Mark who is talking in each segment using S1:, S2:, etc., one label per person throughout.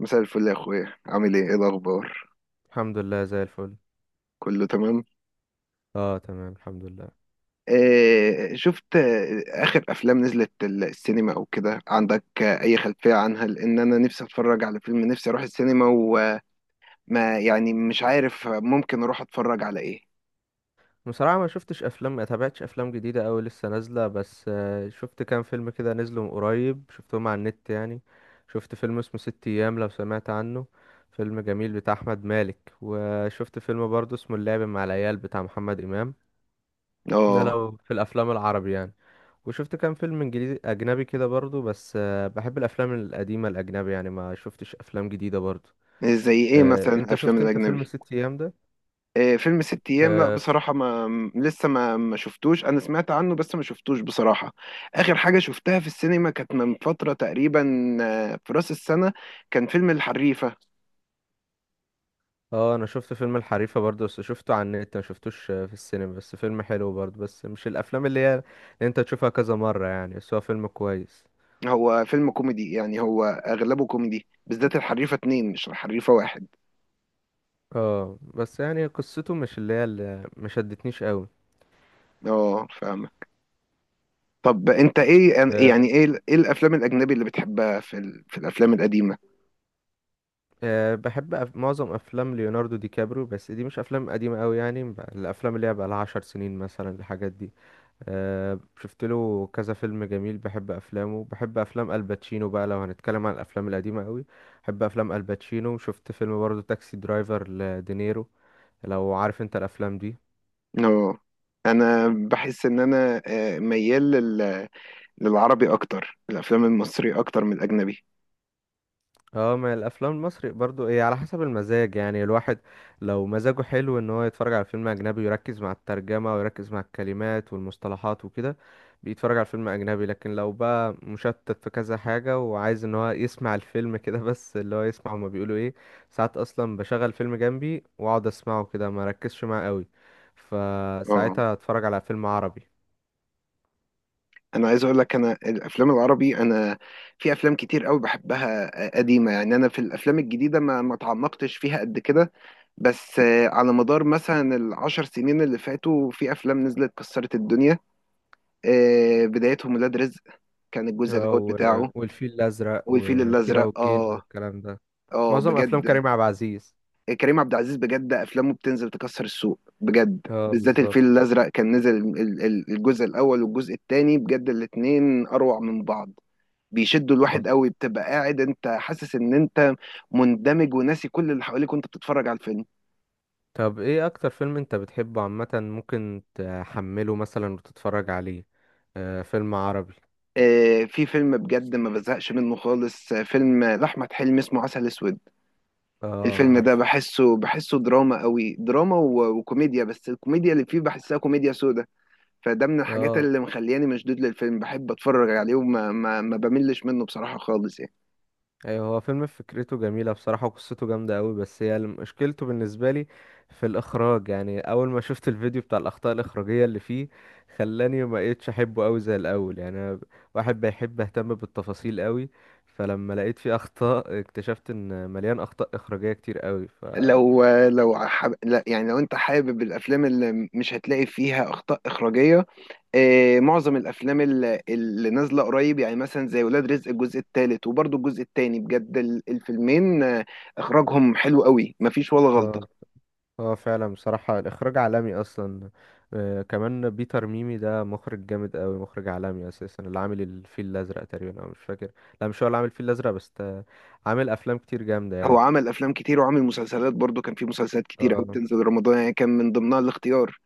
S1: مساء الفل يا اخويا، عامل ايه؟ ايه الاخبار؟
S2: الحمد لله زي الفل.
S1: كله تمام؟
S2: اه، تمام الحمد لله.
S1: آه شفت، اخر افلام نزلت السينما او كده؟ عندك اي خلفية عنها؟ لان انا نفسي اتفرج على فيلم، نفسي اروح السينما، وما يعني، مش عارف ممكن اروح اتفرج على ايه.
S2: بصراحة ما شفتش افلام، ما تابعتش افلام جديدة اوي لسه نازلة. بس شفت كام فيلم كده نزلوا من قريب شفتهم على النت يعني. شفت فيلم اسمه ست ايام، لو سمعت عنه. فيلم جميل بتاع احمد مالك. وشفت فيلم برضه اسمه اللعب مع العيال بتاع محمد امام. ده
S1: اه،
S2: لو في الافلام العربي يعني. وشفت كام فيلم انجليزي اجنبي كده برضه. بس بحب الافلام القديمة الاجنبي يعني، ما شفتش افلام جديدة برضه.
S1: زي ايه مثلا
S2: انت
S1: الافلام
S2: شفت، انت فيلم
S1: الاجنبي؟
S2: ست ايام؟
S1: آه فيلم ست ايام، لا
S2: ده
S1: بصراحة ما لسه ما شفتوش. انا سمعت عنه بس ما شفتوش بصراحة. اخر حاجة شفتها في السينما كانت من فترة تقريبا، في راس السنة، كان فيلم الحريفة.
S2: اه انا شفت فيلم الحريفة برضو، بس شفته على النت ما شفتوش في السينما. بس فيلم حلو برضو، بس مش الافلام اللي هي اللي انت تشوفها كذا مرة يعني، بس هو فيلم كويس.
S1: هو فيلم كوميدي، يعني هو اغلبه كوميدي، بالذات الحريفه اتنين مش الحريفه واحد.
S2: اه بس يعني قصته مش اللي هي اللي، ما شدتنيش قوي.
S1: اه، فاهمه. طب انت ايه
S2: أه.
S1: يعني، ايه ايه الافلام الاجنبي اللي بتحبها في في الافلام القديمه؟
S2: أه، بحب معظم افلام ليوناردو دي كابريو، بس دي مش افلام قديمة قوي يعني. الافلام اللي هي بقى لها 10 سنين مثلا، الحاجات دي. شفت له كذا فيلم جميل، بحب افلامه. بحب افلام الباتشينو بقى لو هنتكلم عن الافلام القديمه قوي. بحب افلام الباتشينو. شفت فيلم برضه تاكسي درايفر لدينيرو، لو عارف انت الافلام دي.
S1: اه، انا بحس ان انا ميال للعربي اكتر، الافلام المصري اكتر من الاجنبي.
S2: اه، ما الافلام المصري برضو ايه على حسب المزاج يعني. الواحد لو مزاجه حلو ان هو يتفرج على فيلم اجنبي ويركز مع الترجمة ويركز مع الكلمات والمصطلحات وكده بيتفرج على فيلم اجنبي. لكن لو بقى مشتت في كذا حاجة وعايز ان هو يسمع الفيلم كده بس اللي هو يسمع هما بيقولوا ايه. ساعات اصلا بشغل فيلم جنبي واقعد اسمعه كده، ما ركزش معاه قوي،
S1: اه،
S2: فساعتها اتفرج على فيلم عربي.
S1: انا عايز اقول لك، انا الافلام العربي، انا في افلام كتير قوي بحبها قديمه، يعني انا في الافلام الجديده ما اتعمقتش فيها قد كده. بس على مدار مثلا ال 10 سنين اللي فاتوا، في افلام نزلت كسرت الدنيا. بدايتهم ولاد رزق، كان الجزء
S2: اه
S1: الاول بتاعه،
S2: والفيل الازرق
S1: والفيل
S2: وكيرة
S1: الازرق.
S2: والجن
S1: اه،
S2: والكلام ده.
S1: اه،
S2: معظم افلام كريم
S1: بجد.
S2: عبد العزيز.
S1: كريم عبد العزيز بجد افلامه بتنزل تكسر السوق، بجد
S2: اه
S1: بالذات
S2: بالظبط.
S1: الفيل الازرق كان نزل الجزء الاول والجزء الثاني، بجد الاتنين اروع من بعض. بيشدوا
S2: طب.
S1: الواحد قوي، بتبقى قاعد انت حاسس ان انت مندمج وناسي كل اللي حواليك وانت بتتفرج على الفيلم.
S2: طب، ايه اكتر فيلم انت بتحبه عامة ممكن تحمله مثلا وتتفرج عليه؟ آه، فيلم عربي.
S1: في فيلم بجد ما بزهقش منه خالص، فيلم لأحمد حلمي اسمه عسل اسود.
S2: اه
S1: الفيلم ده
S2: عارف.
S1: بحسه بحسه دراما قوي، دراما وكوميديا، بس الكوميديا اللي فيه بحسها كوميديا سودا. فده من الحاجات
S2: اه.
S1: اللي مخلياني مشدود للفيلم، بحب اتفرج عليه وما ما, ما بملش منه بصراحة خالص يعني.
S2: ايوه هو فيلم فكرته جميلة بصراحة وقصته جامدة قوي، بس هي مشكلته بالنسبة لي في الاخراج يعني. اول ما شفت الفيديو بتاع الاخطاء الاخراجية اللي فيه خلاني ما بقيتش احبه قوي زي الاول. يعني أنا واحد بيحب اهتم بالتفاصيل قوي، فلما لقيت فيه اخطاء اكتشفت ان مليان اخطاء اخراجية كتير قوي،
S1: لا يعني، لو انت حابب الافلام اللي مش هتلاقي فيها اخطاء اخراجية، معظم الافلام اللي نازله قريب، يعني مثلا زي ولاد رزق الجزء الثالث وبرضه الجزء الثاني، بجد الفيلمين اخراجهم حلو قوي مفيش ولا
S2: اه.
S1: غلطه.
S2: اه فعلا بصراحة الإخراج عالمي أصلا. آه، كمان بيتر ميمي ده مخرج جامد أوي، مخرج عالمي أساسا، اللي عامل الفيل الأزرق تقريبا، أو مش فاكر. لا مش هو اللي عامل الفيل الأزرق، بس ده عامل أفلام كتير جامدة
S1: هو
S2: يعني.
S1: عمل افلام كتير وعمل مسلسلات برضه، كان في مسلسلات كتير قوي
S2: اه.
S1: بتنزل رمضان، يعني كان من ضمنها الاختيار.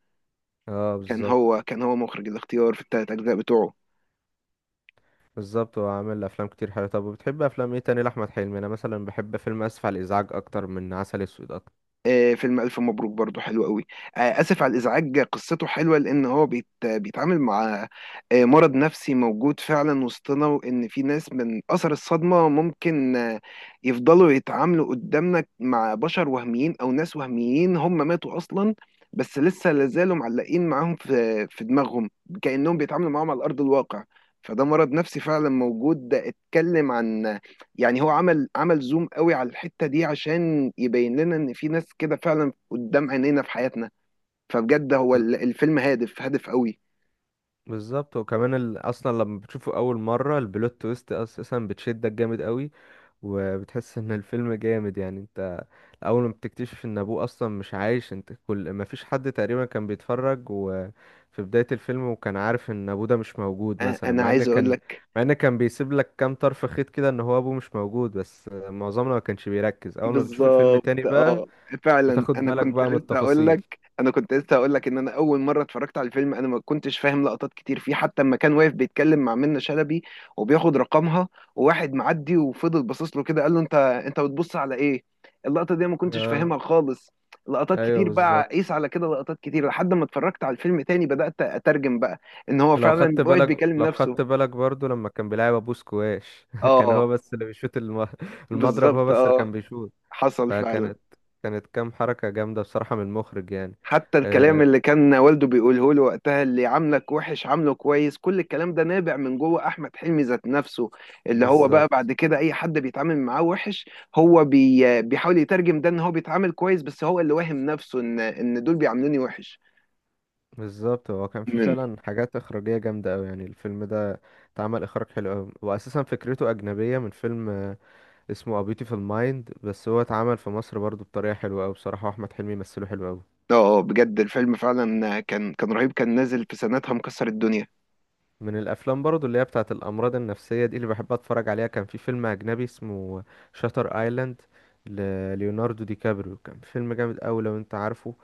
S2: اه
S1: كان
S2: بالظبط.
S1: هو، مخرج الاختيار في ال 3 اجزاء بتوعه.
S2: بالظبط، هو عامل أفلام كتير حلوة. طب وبتحب أفلام ايه تاني لأحمد حلمي؟ أنا مثلا بحب فيلم آسف على الإزعاج أكتر من عسل أسود أكتر.
S1: فيلم ألف مبروك برضو حلو قوي. آسف على الإزعاج قصته حلوة، لأن هو بيتعامل مع، مرض نفسي موجود فعلا وسطنا، وإن في ناس من أثر الصدمة ممكن، يفضلوا يتعاملوا قدامنا مع بشر وهميين أو ناس وهميين هم ماتوا أصلا، بس لسه لازالوا معلقين معاهم في دماغهم، كأنهم بيتعاملوا معاهم على أرض الواقع. فده مرض نفسي فعلا موجود، ده اتكلم عن، يعني هو عمل، زوم قوي على الحتة دي عشان يبين لنا ان في ناس كده فعلا قدام عينينا في حياتنا. فبجد هو
S2: بز-
S1: الفيلم هادف هادف قوي.
S2: بالظبط. وكمان أصلا لما بتشوفه أول مرة البلوت تويست أساسا بتشدك جامد أوي، وبتحس ان الفيلم جامد يعني. انت اول ما بتكتشف ان ابوه اصلا مش عايش، انت كل ما فيش حد تقريبا كان بيتفرج وفي بداية الفيلم وكان عارف ان ابوه ده مش موجود. مثلا
S1: انا
S2: مع ان
S1: عايز اقول
S2: كان
S1: لك.
S2: مع ان كان بيسيب لك كام طرف خيط كده ان هو ابوه مش موجود، بس معظمنا ما كانش بيركز. اول ما بتشوف الفيلم
S1: بالظبط،
S2: تاني بقى
S1: اه فعلا.
S2: بتاخد
S1: انا
S2: بالك
S1: كنت
S2: بقى من
S1: لسه اقول
S2: التفاصيل.
S1: لك انا كنت لسه اقول لك ان انا اول مره اتفرجت على الفيلم انا ما كنتش فاهم لقطات كتير فيه، حتى لما كان واقف بيتكلم مع منة شلبي وبياخد رقمها وواحد معدي وفضل باصص له كده قال له انت بتبص على ايه، اللقطه دي أنا ما كنتش
S2: اه.
S1: فاهمها خالص. لقطات
S2: ايوه
S1: كتير بقى،
S2: بالظبط.
S1: قيس على كده لقطات كتير، لحد ما اتفرجت على الفيلم تاني بدات اترجم بقى ان هو
S2: لو
S1: فعلا
S2: خدت
S1: واقف
S2: بالك
S1: بيكلم
S2: لو
S1: نفسه.
S2: خدت بالك برضو لما كان بيلعب ابو سكواش كان هو
S1: اه،
S2: بس اللي بيشوت المضرب، هو
S1: بالظبط،
S2: بس اللي
S1: اه
S2: كان بيشوت.
S1: حصل فعلا.
S2: فكانت كام حركة جامدة بصراحة من المخرج يعني.
S1: حتى الكلام
S2: آه
S1: اللي كان والده بيقوله له وقتها، اللي عاملك وحش عامله كويس، كل الكلام ده نابع من جوه احمد حلمي ذات نفسه، اللي هو بقى
S2: بالظبط.
S1: بعد كده اي حد بيتعامل معاه وحش، هو بيحاول يترجم ده ان هو بيتعامل كويس، بس هو اللي واهم نفسه ان دول بيعاملوني وحش.
S2: بالظبط، هو كان في
S1: من
S2: فعلا حاجات إخراجية جامدة أوي يعني، الفيلم ده اتعمل إخراج حلو أوي، وأساسا فكرته أجنبية من فيلم اسمه A Beautiful Mind. بس هو اتعمل في مصر برضو بطريقة حلوة أوي بصراحة، وأحمد حلمي مثله حلو أوي.
S1: اه بجد الفيلم فعلا كان، رهيب، كان نازل في سنتها مكسر الدنيا.
S2: من الافلام برضو اللي هي بتاعت الامراض النفسيه دي اللي بحب اتفرج عليها كان في فيلم اجنبي اسمه شاتر ايلاند لليوناردو دي كابريو. كان فيلم جامد قوي، لو انت عارفه.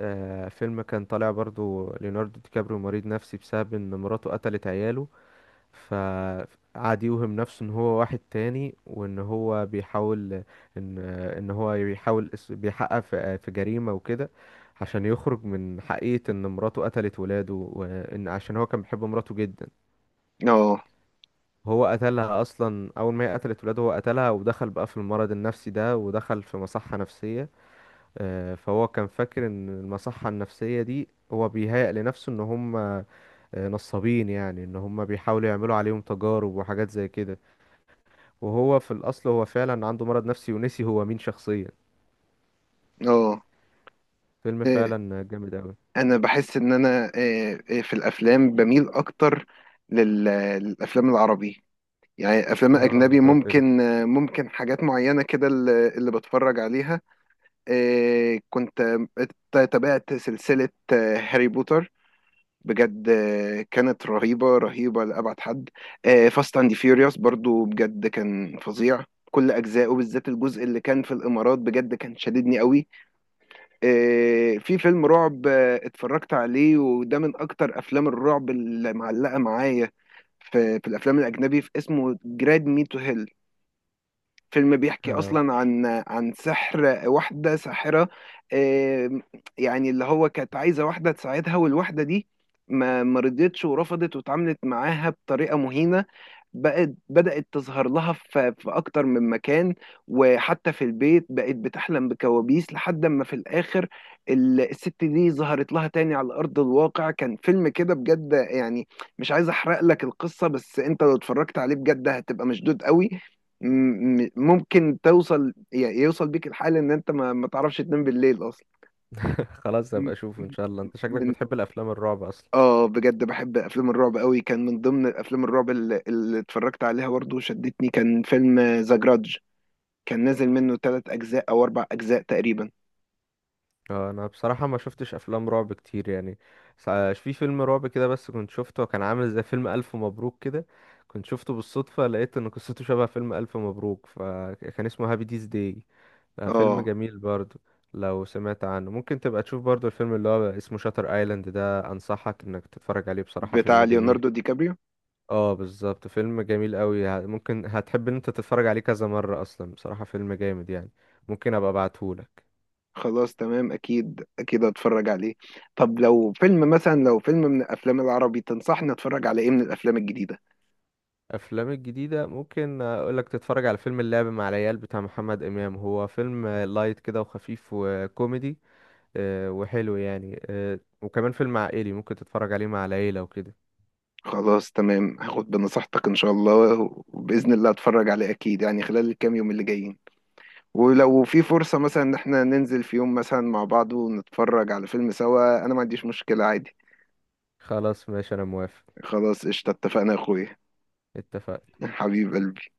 S2: آه، فيلم كان طالع برضو ليوناردو دي كابريو مريض نفسي بسبب ان مراته قتلت عياله. فقعد يوهم نفسه ان هو واحد تاني، وان هو بيحاول ان ان هو بيحاول اس- بيحقق في جريمه وكده عشان يخرج من حقيقة ان مراته قتلت ولاده. وان عشان هو كان بيحب مراته جدا
S1: اه،
S2: هو قتلها. اصلا اول ما هي قتلت ولاده هو قتلها، ودخل بقى في المرض النفسي ده، ودخل في مصحة نفسية. فهو كان فاكر ان المصحة النفسية دي هو بيهيأ لنفسه ان هم نصابين، يعني ان هم بيحاولوا يعملوا عليهم تجارب وحاجات زي كده. وهو في الاصل هو فعلا عنده مرض نفسي ونسي هو مين شخصيا.
S1: اه.
S2: فيلم
S1: إيه،
S2: فعلا جامد اوي.
S1: انا بحس ان انا إيه، إيه، في الافلام بميل اكتر لل- للافلام العربي. يعني افلام
S2: اه
S1: اجنبي
S2: انت قلت لي.
S1: ممكن، حاجات معينه كده اللي بتفرج عليها. كنت تابعت سلسله هاري بوتر، بجد كانت رهيبه رهيبه لابعد حد. فاست اند فيوريوس برضو بجد كان فظيع، كل اجزائه بالذات الجزء اللي كان في الامارات بجد كان شددني قوي. في فيلم رعب اتفرجت عليه وده من اكتر افلام الرعب اللي معلقه معايا في الافلام الاجنبي، في اسمه جراد مي تو هيل. فيلم بيحكي
S2: اه
S1: اصلا عن سحر واحده ساحره. آم، يعني اللي هو كانت عايزه واحده تساعدها، والواحده دي ما رضيتش ورفضت واتعاملت معاها بطريقه مهينه، بقت بدأت تظهر لها في أكتر من مكان، وحتى في البيت بقت بتحلم بكوابيس، لحد ما في الآخر الست دي ظهرت لها تاني على أرض الواقع. كان فيلم كده بجد يعني، مش عايز أحرق لك القصة، بس أنت لو اتفرجت عليه بجد هتبقى مشدود قوي. ممكن توصل، يوصل بيك الحال إن أنت ما تعرفش تنام بالليل أصلا.
S2: خلاص
S1: م-
S2: هبقى اشوفه ان شاء الله. انت شكلك
S1: م-
S2: بتحب الافلام الرعب اصلا.
S1: اه بجد بحب افلام الرعب قوي. كان من ضمن افلام الرعب اللي اتفرجت عليها برضه وشدتني كان فيلم ذا جرادج، كان نازل منه 3 اجزاء او 4 اجزاء تقريبا.
S2: انا بصراحة ما شفتش افلام رعب كتير يعني. في فيلم رعب كده بس كنت شفته، كان عامل زي فيلم الف مبروك كده. كنت شفته بالصدفة، لقيت ان قصته شبه فيلم الف مبروك، فكان اسمه هابي ديز داي. فيلم
S1: اه،
S2: جميل برضو لو سمعت عنه. ممكن تبقى تشوف برضو الفيلم اللي هو اسمه شاتر ايلاند ده، انصحك انك تتفرج عليه، بصراحة
S1: بتاع
S2: فيلم جميل.
S1: ليوناردو دي كابريو.
S2: اه بالظبط. فيلم جميل قوي، ممكن هتحب ان انت تتفرج عليه كذا مرة اصلا، بصراحة فيلم جامد يعني. ممكن ابقى ابعتهولك.
S1: خلاص تمام، اكيد اكيد هتفرج عليه. طب لو فيلم مثلا، لو فيلم من الافلام العربي تنصحني اتفرج على ايه من الافلام الجديدة؟
S2: افلام الجديده ممكن اقول لك تتفرج على فيلم اللعب مع العيال بتاع محمد امام، هو فيلم لايت كده وخفيف وكوميدي وحلو يعني. وكمان فيلم عائلي ممكن تتفرج عليه مع العيله وكده.
S1: خلاص تمام، هاخد بنصيحتك ان شاء الله، وباذن الله اتفرج عليه اكيد يعني خلال الكام يوم اللي جايين. ولو في فرصة مثلا ان احنا ننزل في يوم مثلا مع بعض ونتفرج على فيلم سوا، انا ما عنديش مشكلة عادي.
S2: خلاص ماشي انا موافق.
S1: خلاص قشطة، اتفقنا يا اخويا.
S2: اتفق.
S1: حبيب قلبي.